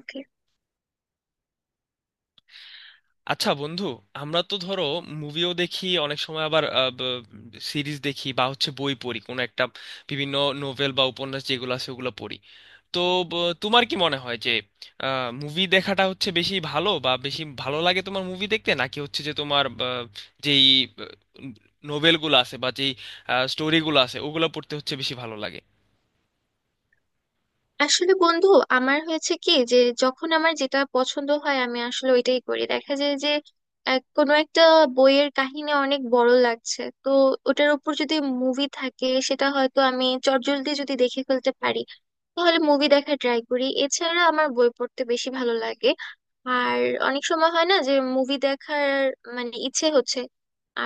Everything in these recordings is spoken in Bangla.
ওকে। আচ্ছা বন্ধু, আমরা তো ধরো মুভিও দেখি অনেক সময়, আবার সিরিজ দেখি বা হচ্ছে বই পড়ি কোনো একটা, বিভিন্ন নোভেল বা উপন্যাস যেগুলো আছে ওগুলো পড়ি। তো তোমার কি মনে হয় যে মুভি দেখাটা হচ্ছে বেশি ভালো বা বেশি ভালো লাগে তোমার মুভি দেখতে, নাকি হচ্ছে যে তোমার যেই নোভেলগুলো আছে বা যেই স্টোরিগুলো আছে ওগুলো পড়তে হচ্ছে বেশি ভালো লাগে? আসলে বন্ধু, আমার হয়েছে কি যে, যখন আমার যেটা পছন্দ হয় আমি আসলে ওইটাই করি। দেখা যায় যে কোনো একটা বইয়ের কাহিনী অনেক বড় লাগছে, তো ওটার উপর যদি মুভি থাকে, সেটা হয়তো আমি চটজলদি যদি দেখে ফেলতে পারি, তাহলে মুভি দেখা ট্রাই করি। এছাড়া আমার বই পড়তে বেশি ভালো লাগে। আর অনেক সময় হয় না যে মুভি দেখার মানে ইচ্ছে হচ্ছে,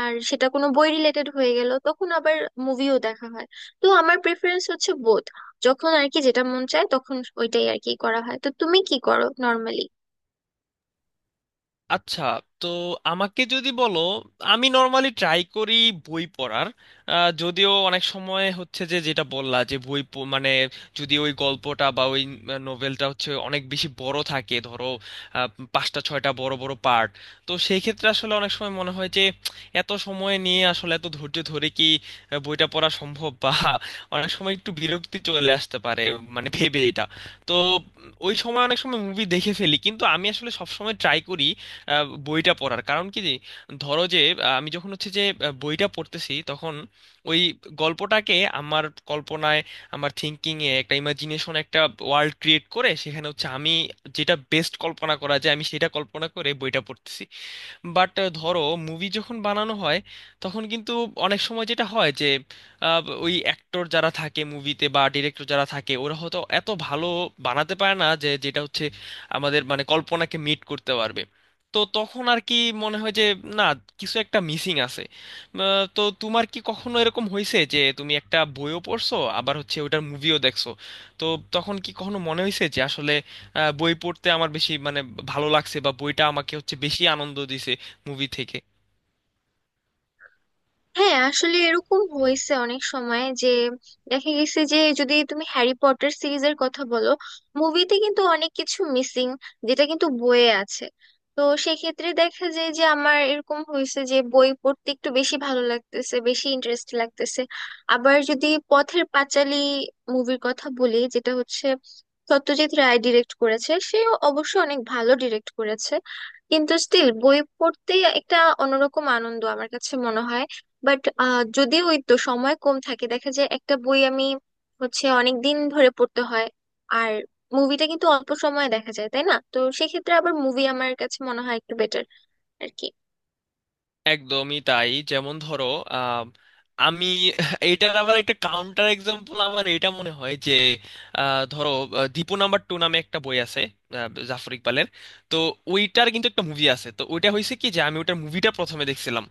আর সেটা কোনো বই রিলেটেড হয়ে গেল, তখন আবার মুভিও দেখা হয়। তো আমার প্রেফারেন্স হচ্ছে বোথ। যখন আর কি যেটা মন চায় তখন ওইটাই আর কি করা হয়। তো তুমি কি করো নর্মালি? আচ্ছা, তো আমাকে যদি বলো, আমি নর্মালি ট্রাই করি বই পড়ার। যদিও অনেক সময় হচ্ছে যে, যেটা বললা, যে বই মানে যদি ওই গল্পটা বা ওই নোভেলটা হচ্ছে অনেক বেশি বড় থাকে, ধরো আহ, পাঁচটা ছয়টা বড় বড় পার্ট, তো সেই ক্ষেত্রে আসলে অনেক সময় মনে হয় যে এত সময় নিয়ে আসলে এত ধৈর্য ধরে কি বইটা পড়া সম্ভব, বা অনেক সময় একটু বিরক্তি চলে আসতে পারে মানে, ভেবে এটা। তো ওই সময় অনেক সময় মুভি দেখে ফেলি, কিন্তু আমি আসলে সব সময় ট্রাই করি বইটা পড়ার। কারণ কি যে, ধরো যে আমি যখন হচ্ছে যে বইটা পড়তেছি, তখন ওই গল্পটাকে আমার কল্পনায়, আমার থিঙ্কিং এ একটা ইমাজিনেশন, একটা ওয়ার্ল্ড ক্রিয়েট করে, সেখানে হচ্ছে আমি যেটা বেস্ট কল্পনা করা যায়, আমি সেটা কল্পনা করে বইটা পড়তেছি। বাট ধরো মুভি যখন বানানো হয়, তখন কিন্তু অনেক সময় যেটা হয় যে ওই অ্যাক্টর যারা থাকে মুভিতে বা ডিরেক্টর যারা থাকে, ওরা হয়তো এত ভালো বানাতে পারে না যে যেটা হচ্ছে আমাদের মানে কল্পনাকে মিট করতে পারবে। তো তখন আর কি মনে হয় যে না, কিছু একটা মিসিং আছে। তো তোমার কি কখনো এরকম হয়েছে যে তুমি একটা বইও পড়ছো, আবার হচ্ছে ওটার মুভিও দেখছো, তো তখন কি কখনো মনে হয়েছে যে আসলে বই পড়তে আমার বেশি মানে ভালো লাগছে বা বইটা আমাকে হচ্ছে বেশি আনন্দ দিছে মুভি থেকে? হ্যাঁ, আসলে এরকম হয়েছে অনেক সময় যে, দেখা গেছে যে যদি তুমি হ্যারি পটার সিরিজের কথা বলো, মুভিতে কিন্তু অনেক কিছু মিসিং যেটা কিন্তু বইয়ে আছে। তো সেক্ষেত্রে দেখা যায় যে আমার এরকম হয়েছে যে বই পড়তে একটু বেশি ভালো লাগতেছে, বেশি ইন্টারেস্ট লাগতেছে। আবার যদি পথের পাঁচালী মুভির কথা বলি, যেটা হচ্ছে সত্যজিৎ রায় ডিরেক্ট করেছে, সেও অবশ্য অনেক ভালো ডিরেক্ট করেছে, কিন্তু স্টিল বই পড়তে একটা অন্যরকম আনন্দ আমার কাছে মনে হয়। বাট যদি ওই তো সময় কম থাকে, দেখা যায় একটা বই আমি হচ্ছে অনেক দিন ধরে পড়তে হয়, আর মুভিটা কিন্তু অল্প সময়ে দেখা যায়, তাই না? তো সেক্ষেত্রে আবার মুভি আমার কাছে মনে হয় একটু বেটার আর কি। একদমই তাই। যেমন ধরো আহ, আমি, এটার আবার একটা কাউন্টার এক্সাম্পল আমার, এটা মনে হয় যে ধরো দীপু নাম্বার টু নামে একটা বই আছে জাফর ইকবালের। তো ওইটার কিন্তু একটা মুভি আছে, তো ওইটা হয়েছে কি যে আমি ওইটার মুভিটা প্রথমে দেখছিলাম।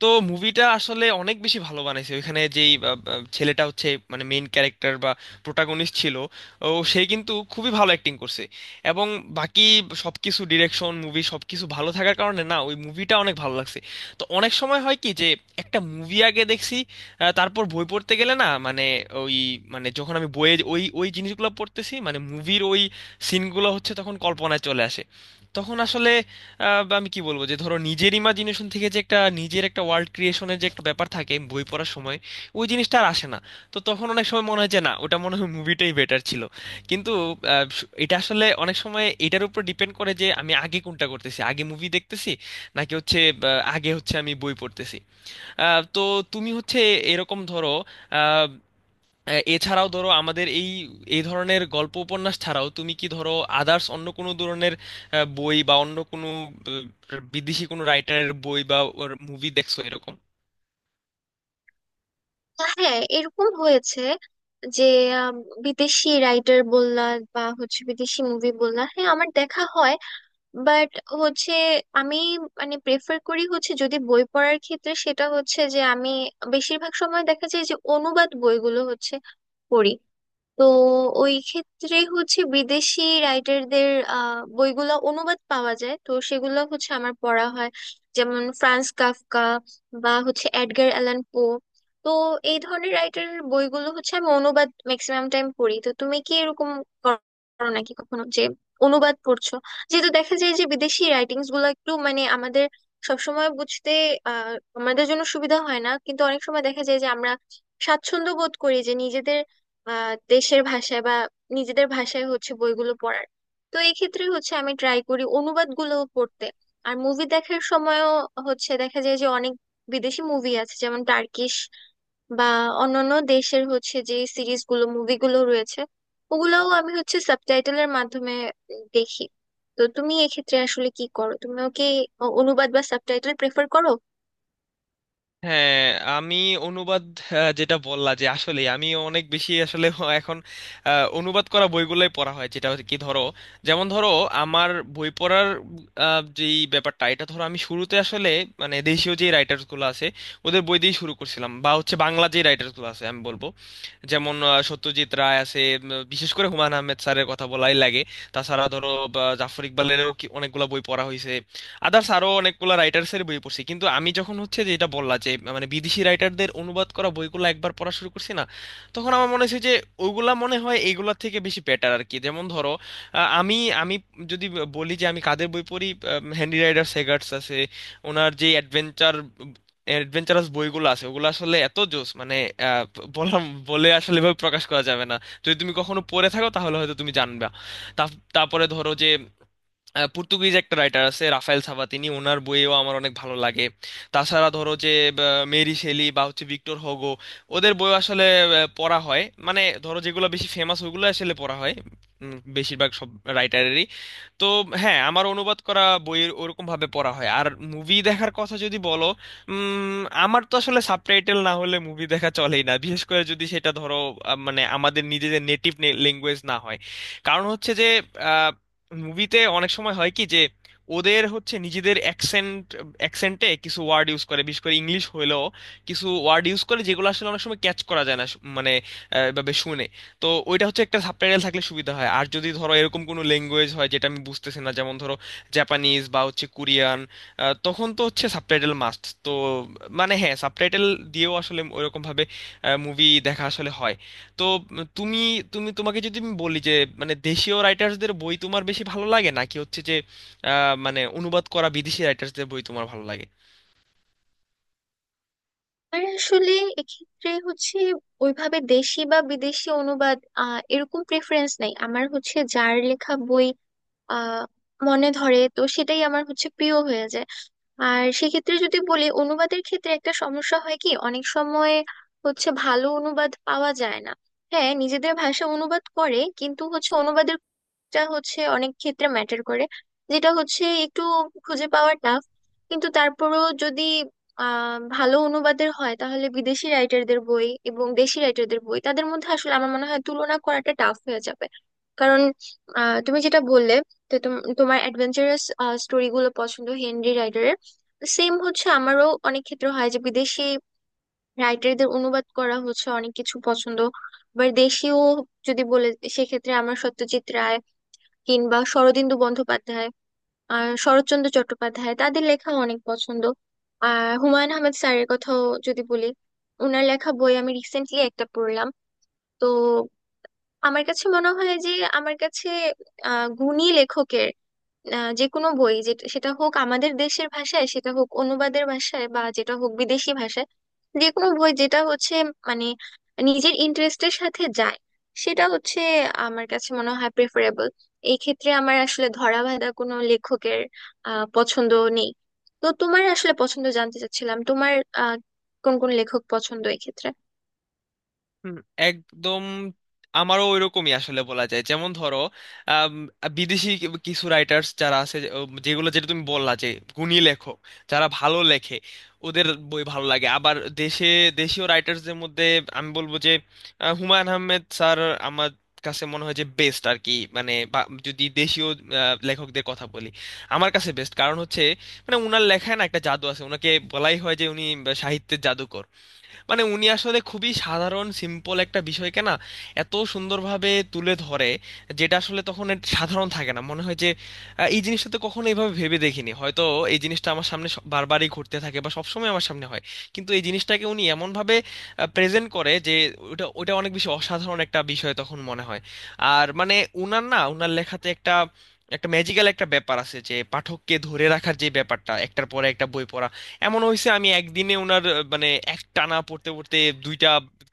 তো মুভিটা আসলে অনেক বেশি ভালো বানাইছে, ওইখানে যেই আহ, আহ, ছেলেটা হচ্ছে মানে মেইন ক্যারেক্টার বা প্রোটাগনিস্ট ছিল, ও সে কিন্তু খুবই ভালো অ্যাক্টিং করছে। এবং বাকি সবকিছু, ডিরেকশন, মুভি, সবকিছু ভালো থাকার কারণে না ওই মুভিটা অনেক ভালো লাগছে। তো অনেক সময় হয় কি যে একটা মুভি আগে দেখছি, তারপর বই পড়তে গেলে না মানে ওই, মানে যখন আমি বইয়ে ওই ওই জিনিসগুলো পড়তেছি মানে মুভির ওই সিনগুলো হচ্ছে তখন কল্পনায় চলে আসে। তখন আসলে বা আমি কি বলবো যে, ধরো নিজের ইমাজিনেশন থেকে যে একটা নিজের একটা ওয়ার্ল্ড ক্রিয়েশনের যে একটা ব্যাপার থাকে বই পড়ার সময়, ওই জিনিসটা আর আসে না। তো তখন অনেক সময় মনে হয় যে না, ওটা মনে হয় মুভিটাই বেটার ছিল। কিন্তু আহ, এটা আসলে অনেক সময় এটার উপর ডিপেন্ড করে যে আমি আগে কোনটা করতেছি, আগে মুভি দেখতেছি নাকি হচ্ছে আগে হচ্ছে আমি বই পড়তেছি। তো তুমি হচ্ছে এরকম, ধরো আহ, এছাড়াও ধরো আমাদের এই এই ধরনের গল্প উপন্যাস ছাড়াও তুমি কি ধরো আদার্স অন্য কোনো ধরনের বই বা অন্য কোনো বিদেশি কোনো রাইটারের বই বা মুভি দেখছো এরকম? তা হ্যাঁ, এরকম হয়েছে যে, আম, বিদেশি রাইটার বললা বা হচ্ছে বিদেশি মুভি বললা, হ্যাঁ আমার দেখা হয়। বাট হচ্ছে আমি মানে প্রেফার করি, হচ্ছে যদি বই পড়ার ক্ষেত্রে, সেটা হচ্ছে যে আমি বেশিরভাগ সময় দেখা যায় যে অনুবাদ বইগুলো হচ্ছে পড়ি। তো ওই ক্ষেত্রে হচ্ছে বিদেশি রাইটারদের বইগুলো অনুবাদ পাওয়া যায়, তো সেগুলো হচ্ছে আমার পড়া হয়। যেমন ফ্রান্স কাফকা বা হচ্ছে এডগার অ্যালান পো। তো এই ধরনের রাইটারের বইগুলো হচ্ছে আমি অনুবাদ ম্যাক্সিমাম টাইম পড়ি। তো তুমি কি এরকম করো নাকি কখনো যে অনুবাদ পড়ছো? যেহেতু দেখা যায় যে বিদেশি রাইটিংস গুলো একটু মানে আমাদের সবসময় বুঝতে আহ আমাদের জন্য সুবিধা হয় না, কিন্তু অনেক সময় দেখা যায় যে আমরা স্বাচ্ছন্দ্য বোধ করি যে নিজেদের দেশের ভাষায় বা নিজেদের ভাষায় হচ্ছে বইগুলো পড়ার। তো এই ক্ষেত্রে হচ্ছে আমি ট্রাই করি অনুবাদগুলো পড়তে। আর মুভি দেখার সময়ও হচ্ছে দেখা যায় যে অনেক বিদেশি মুভি আছে, যেমন টার্কিশ বা অন্যান্য দেশের হচ্ছে যে সিরিজগুলো, মুভিগুলো রয়েছে, ওগুলোও আমি হচ্ছে সাবটাইটেলের মাধ্যমে দেখি। তো তুমি এক্ষেত্রে আসলে কি করো? তুমিও কি অনুবাদ বা সাবটাইটেল প্রেফার করো? হ্যাঁ, আমি অনুবাদ, যেটা বললা যে আসলে আমি অনেক বেশি আসলে এখন অনুবাদ করা বইগুলোই পড়া হয়, যেটা আর কি ধরো। যেমন ধরো আমার বই পড়ার যেই ব্যাপারটা, এটা ধরো আমি শুরুতে আসলে মানে দেশীয় যে রাইটার্স গুলো আছে ওদের বই দিয়ে শুরু করছিলাম বা হচ্ছে বাংলা যে রাইটার্স গুলো আছে, আমি বলবো যেমন সত্যজিৎ রায় আছে, বিশেষ করে হুমায়ুন আহমেদ স্যারের কথা বলাই লাগে। তাছাড়া ধরো জাফর ইকবালেরও অনেকগুলা বই পড়া হয়েছে। আদার্স আরো অনেকগুলো রাইটার্স এর বই পড়ছি। কিন্তু আমি যখন হচ্ছে যে, এটা বললা যে মানে বিদেশি রাইটারদের অনুবাদ করা বইগুলো একবার পড়া শুরু করছি না, তখন আমার মনে হয়েছে যে ওগুলা মনে হয় এইগুলা থেকে বেশি বেটার আর কি। যেমন ধরো আমি আমি যদি বলি যে আমি কাদের বই পড়ি, হ্যান্ডি রাইডার সেগার্টস আছে, ওনার যে অ্যাডভেঞ্চার, অ্যাডভেঞ্চারাস বইগুলো আছে ওগুলো আসলে এত জোস মানে আহ, বললাম বলে আসলে এভাবে প্রকাশ করা যাবে না, যদি তুমি কখনো পড়ে থাকো তাহলে হয়তো তুমি জানবে। তারপরে ধরো যে পর্তুগিজ একটা রাইটার আছে রাফায়েল সাভাতিনি, ওনার বইও আমার অনেক ভালো লাগে। তাছাড়া ধরো যে মেরি শেলি বা হচ্ছে ভিক্টর হোগো, ওদের বই আসলে পড়া হয় মানে, ধরো যেগুলো বেশি ফেমাস ওগুলো আসলে পড়া হয়, বেশিরভাগ সব রাইটারেরই। তো হ্যাঁ, আমার অনুবাদ করা বইয়ের ওরকম ভাবে পড়া হয়। আর মুভি দেখার কথা যদি বলো, আমার তো আসলে সাবটাইটেল না হলে মুভি দেখা চলেই না, বিশেষ করে যদি সেটা ধরো মানে আমাদের নিজেদের নেটিভ ল্যাঙ্গুয়েজ না হয়। কারণ হচ্ছে যে মুভিতে অনেক সময় হয় কি যে ওদের হচ্ছে নিজেদের অ্যাকসেন্ট, অ্যাকসেন্টে কিছু ওয়ার্ড ইউজ করে, বিশেষ করে ইংলিশ হইলেও কিছু ওয়ার্ড ইউজ করে যেগুলো আসলে অনেক সময় ক্যাচ করা যায় না মানে এভাবে শুনে। তো ওইটা হচ্ছে, একটা সাবটাইটেল থাকলে সুবিধা হয়। আর যদি ধরো এরকম কোনো ল্যাঙ্গুয়েজ হয় যেটা আমি বুঝতেছি না, যেমন ধরো জাপানিজ বা হচ্ছে কোরিয়ান, তখন তো হচ্ছে সাবটাইটেল মাস্ট। তো মানে হ্যাঁ, সাবটাইটেল দিয়েও আসলে ওইরকম ভাবে মুভি দেখা আসলে হয়। তো তুমি তুমি তোমাকে যদি আমি বলি যে মানে দেশীয় রাইটার্সদের বই তোমার বেশি ভালো লাগে নাকি হচ্ছে যে মানে অনুবাদ করা বিদেশি রাইটার্সদের বই তোমার ভালো লাগে? আর আসলে এক্ষেত্রে হচ্ছে ওইভাবে দেশি বা বিদেশি অনুবাদ এরকম প্রেফারেন্স নাই। আমার হচ্ছে যার লেখা বই আহ মনে ধরে তো সেটাই আমার হচ্ছে প্রিয় হয়ে যায়। আর সেক্ষেত্রে যদি বলি, অনুবাদের ক্ষেত্রে একটা সমস্যা হয় কি অনেক সময় হচ্ছে ভালো অনুবাদ পাওয়া যায় না। হ্যাঁ, নিজেদের ভাষা অনুবাদ করে কিন্তু হচ্ছে অনুবাদের টা হচ্ছে অনেক ক্ষেত্রে ম্যাটার করে, যেটা হচ্ছে একটু খুঁজে পাওয়া টাফ। কিন্তু তারপরেও যদি ভালো অনুবাদের হয়, তাহলে বিদেশি রাইটারদের বই এবং দেশি রাইটারদের বই, তাদের মধ্যে আসলে আমার মনে হয় তুলনা করাটা টাফ হয়ে যাবে। কারণ তুমি যেটা বললে, তোমার অ্যাডভেঞ্চারাস স্টোরি গুলো পছন্দ হেনরি রাইটারের। সেম হচ্ছে আমারও, অনেক ক্ষেত্রে হয় যে বিদেশি রাইটারদের অনুবাদ করা হচ্ছে অনেক কিছু পছন্দ। আবার দেশীয় যদি বলে, সেক্ষেত্রে আমার সত্যজিৎ রায় কিংবা শরদিন্দু বন্দ্যোপাধ্যায় আর শরৎচন্দ্র চট্টোপাধ্যায় তাদের লেখা অনেক পছন্দ। আর হুমায়ুন আহমেদ স্যারের কথাও যদি বলি, ওনার লেখা বই আমি রিসেন্টলি একটা পড়লাম। তো আমার কাছে মনে হয় যে, আমার কাছে গুণী লেখকের যে কোনো বই, যেটা সেটা হোক আমাদের দেশের ভাষায়, সেটা হোক অনুবাদের ভাষায়, বা যেটা হোক বিদেশি ভাষায়, যে কোনো বই যেটা হচ্ছে মানে নিজের ইন্টারেস্টের সাথে যায়, সেটা হচ্ছে আমার কাছে মনে হয় প্রেফারেবল। এই ক্ষেত্রে আমার আসলে ধরাবাঁধা কোনো লেখকের পছন্দ নেই। তো তোমার আসলে পছন্দ জানতে চাচ্ছিলাম, তোমার আহ কোন কোন লেখক পছন্দ এই ক্ষেত্রে। হুম, একদম। আমারও ওইরকমই আসলে বলা যায়। যেমন ধরো আম, বিদেশি কিছু রাইটার্স যারা আছে যেগুলো যেটা তুমি বললা যে গুণী লেখক, যারা ভালো লেখে, ওদের বই ভালো লাগে। আবার দেশে, দেশীয় রাইটার্সদের মধ্যে আমি বলবো যে হুমায়ুন আহমেদ স্যার আমার কাছে মনে হয় যে বেস্ট আর কি। মানে যদি দেশীয় লেখকদের কথা বলি, আমার কাছে বেস্ট। কারণ হচ্ছে মানে ওনার লেখায় না একটা জাদু আছে, ওনাকে বলাই হয় যে উনি সাহিত্যের জাদুকর। মানে উনি আসলে খুবই সাধারণ সিম্পল একটা বিষয়কে না এত সুন্দরভাবে তুলে ধরে যেটা আসলে তখন এর সাধারণ থাকে না, মনে হয় যে এই জিনিসটা তো কখনো এইভাবে ভেবে দেখিনি হয়তো। এই জিনিসটা আমার সামনে বারবারই ঘটতে থাকে বা সবসময় আমার সামনে হয়, কিন্তু এই জিনিসটাকে উনি এমনভাবে প্রেজেন্ট করে যে ওটা ওটা অনেক বেশি অসাধারণ একটা বিষয় তখন মনে হয়। আর মানে উনার লেখাতে একটা, একটা ম্যাজিক্যাল একটা ব্যাপার আছে যে পাঠককে ধরে রাখার যে ব্যাপারটা, একটার পরে একটা বই পড়া। এমন হয়েছে আমি একদিনে ওনার মানে এক টানা পড়তে পড়তে দুইটা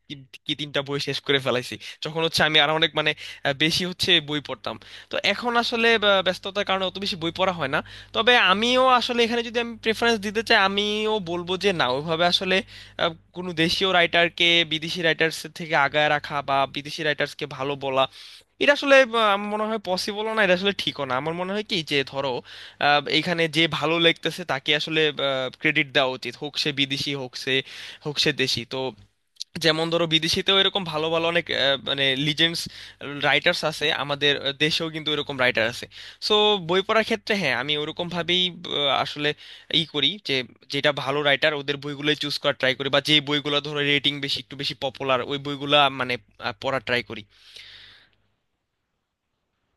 কি কি তিনটা বই শেষ করে ফেলাইছি, যখন হচ্ছে আমি আর অনেক মানে বেশি হচ্ছে বই পড়তাম। তো এখন আসলে ব্যস্ততার কারণে অত বেশি বই পড়া হয় না। তবে আমিও আসলে এখানে যদি আমি প্রেফারেন্স দিতে চাই, আমিও বলবো যে না, ওইভাবে আসলে আহ, কোনো দেশীয় রাইটারকে বিদেশি রাইটার্স থেকে আগায় রাখা বা বিদেশি রাইটার্সকে ভালো বলা, এটা আসলে আমার মনে হয় পসিবলও না, এটা আসলে ঠিকও না। আমার মনে হয় কি যে, ধরো এইখানে যে ভালো লিখতেছে তাকে আসলে ক্রেডিট দেওয়া উচিত, হোক সে বিদেশি হোক সে, হোক সে দেশি। তো যেমন ধরো বিদেশিতেও এরকম ভালো ভালো অনেক মানে লিজেন্ডস রাইটার্স আছে, আমাদের দেশেও কিন্তু এরকম রাইটার আছে। সো বই পড়ার ক্ষেত্রে হ্যাঁ, আমি ওরকম ভাবেই আসলে ই করি যে যেটা ভালো রাইটার ওদের বইগুলোই চুজ করার ট্রাই করি, বা যে বইগুলো ধরো রেটিং বেশি একটু বেশি পপুলার ওই বইগুলা মানে পড়ার ট্রাই করি।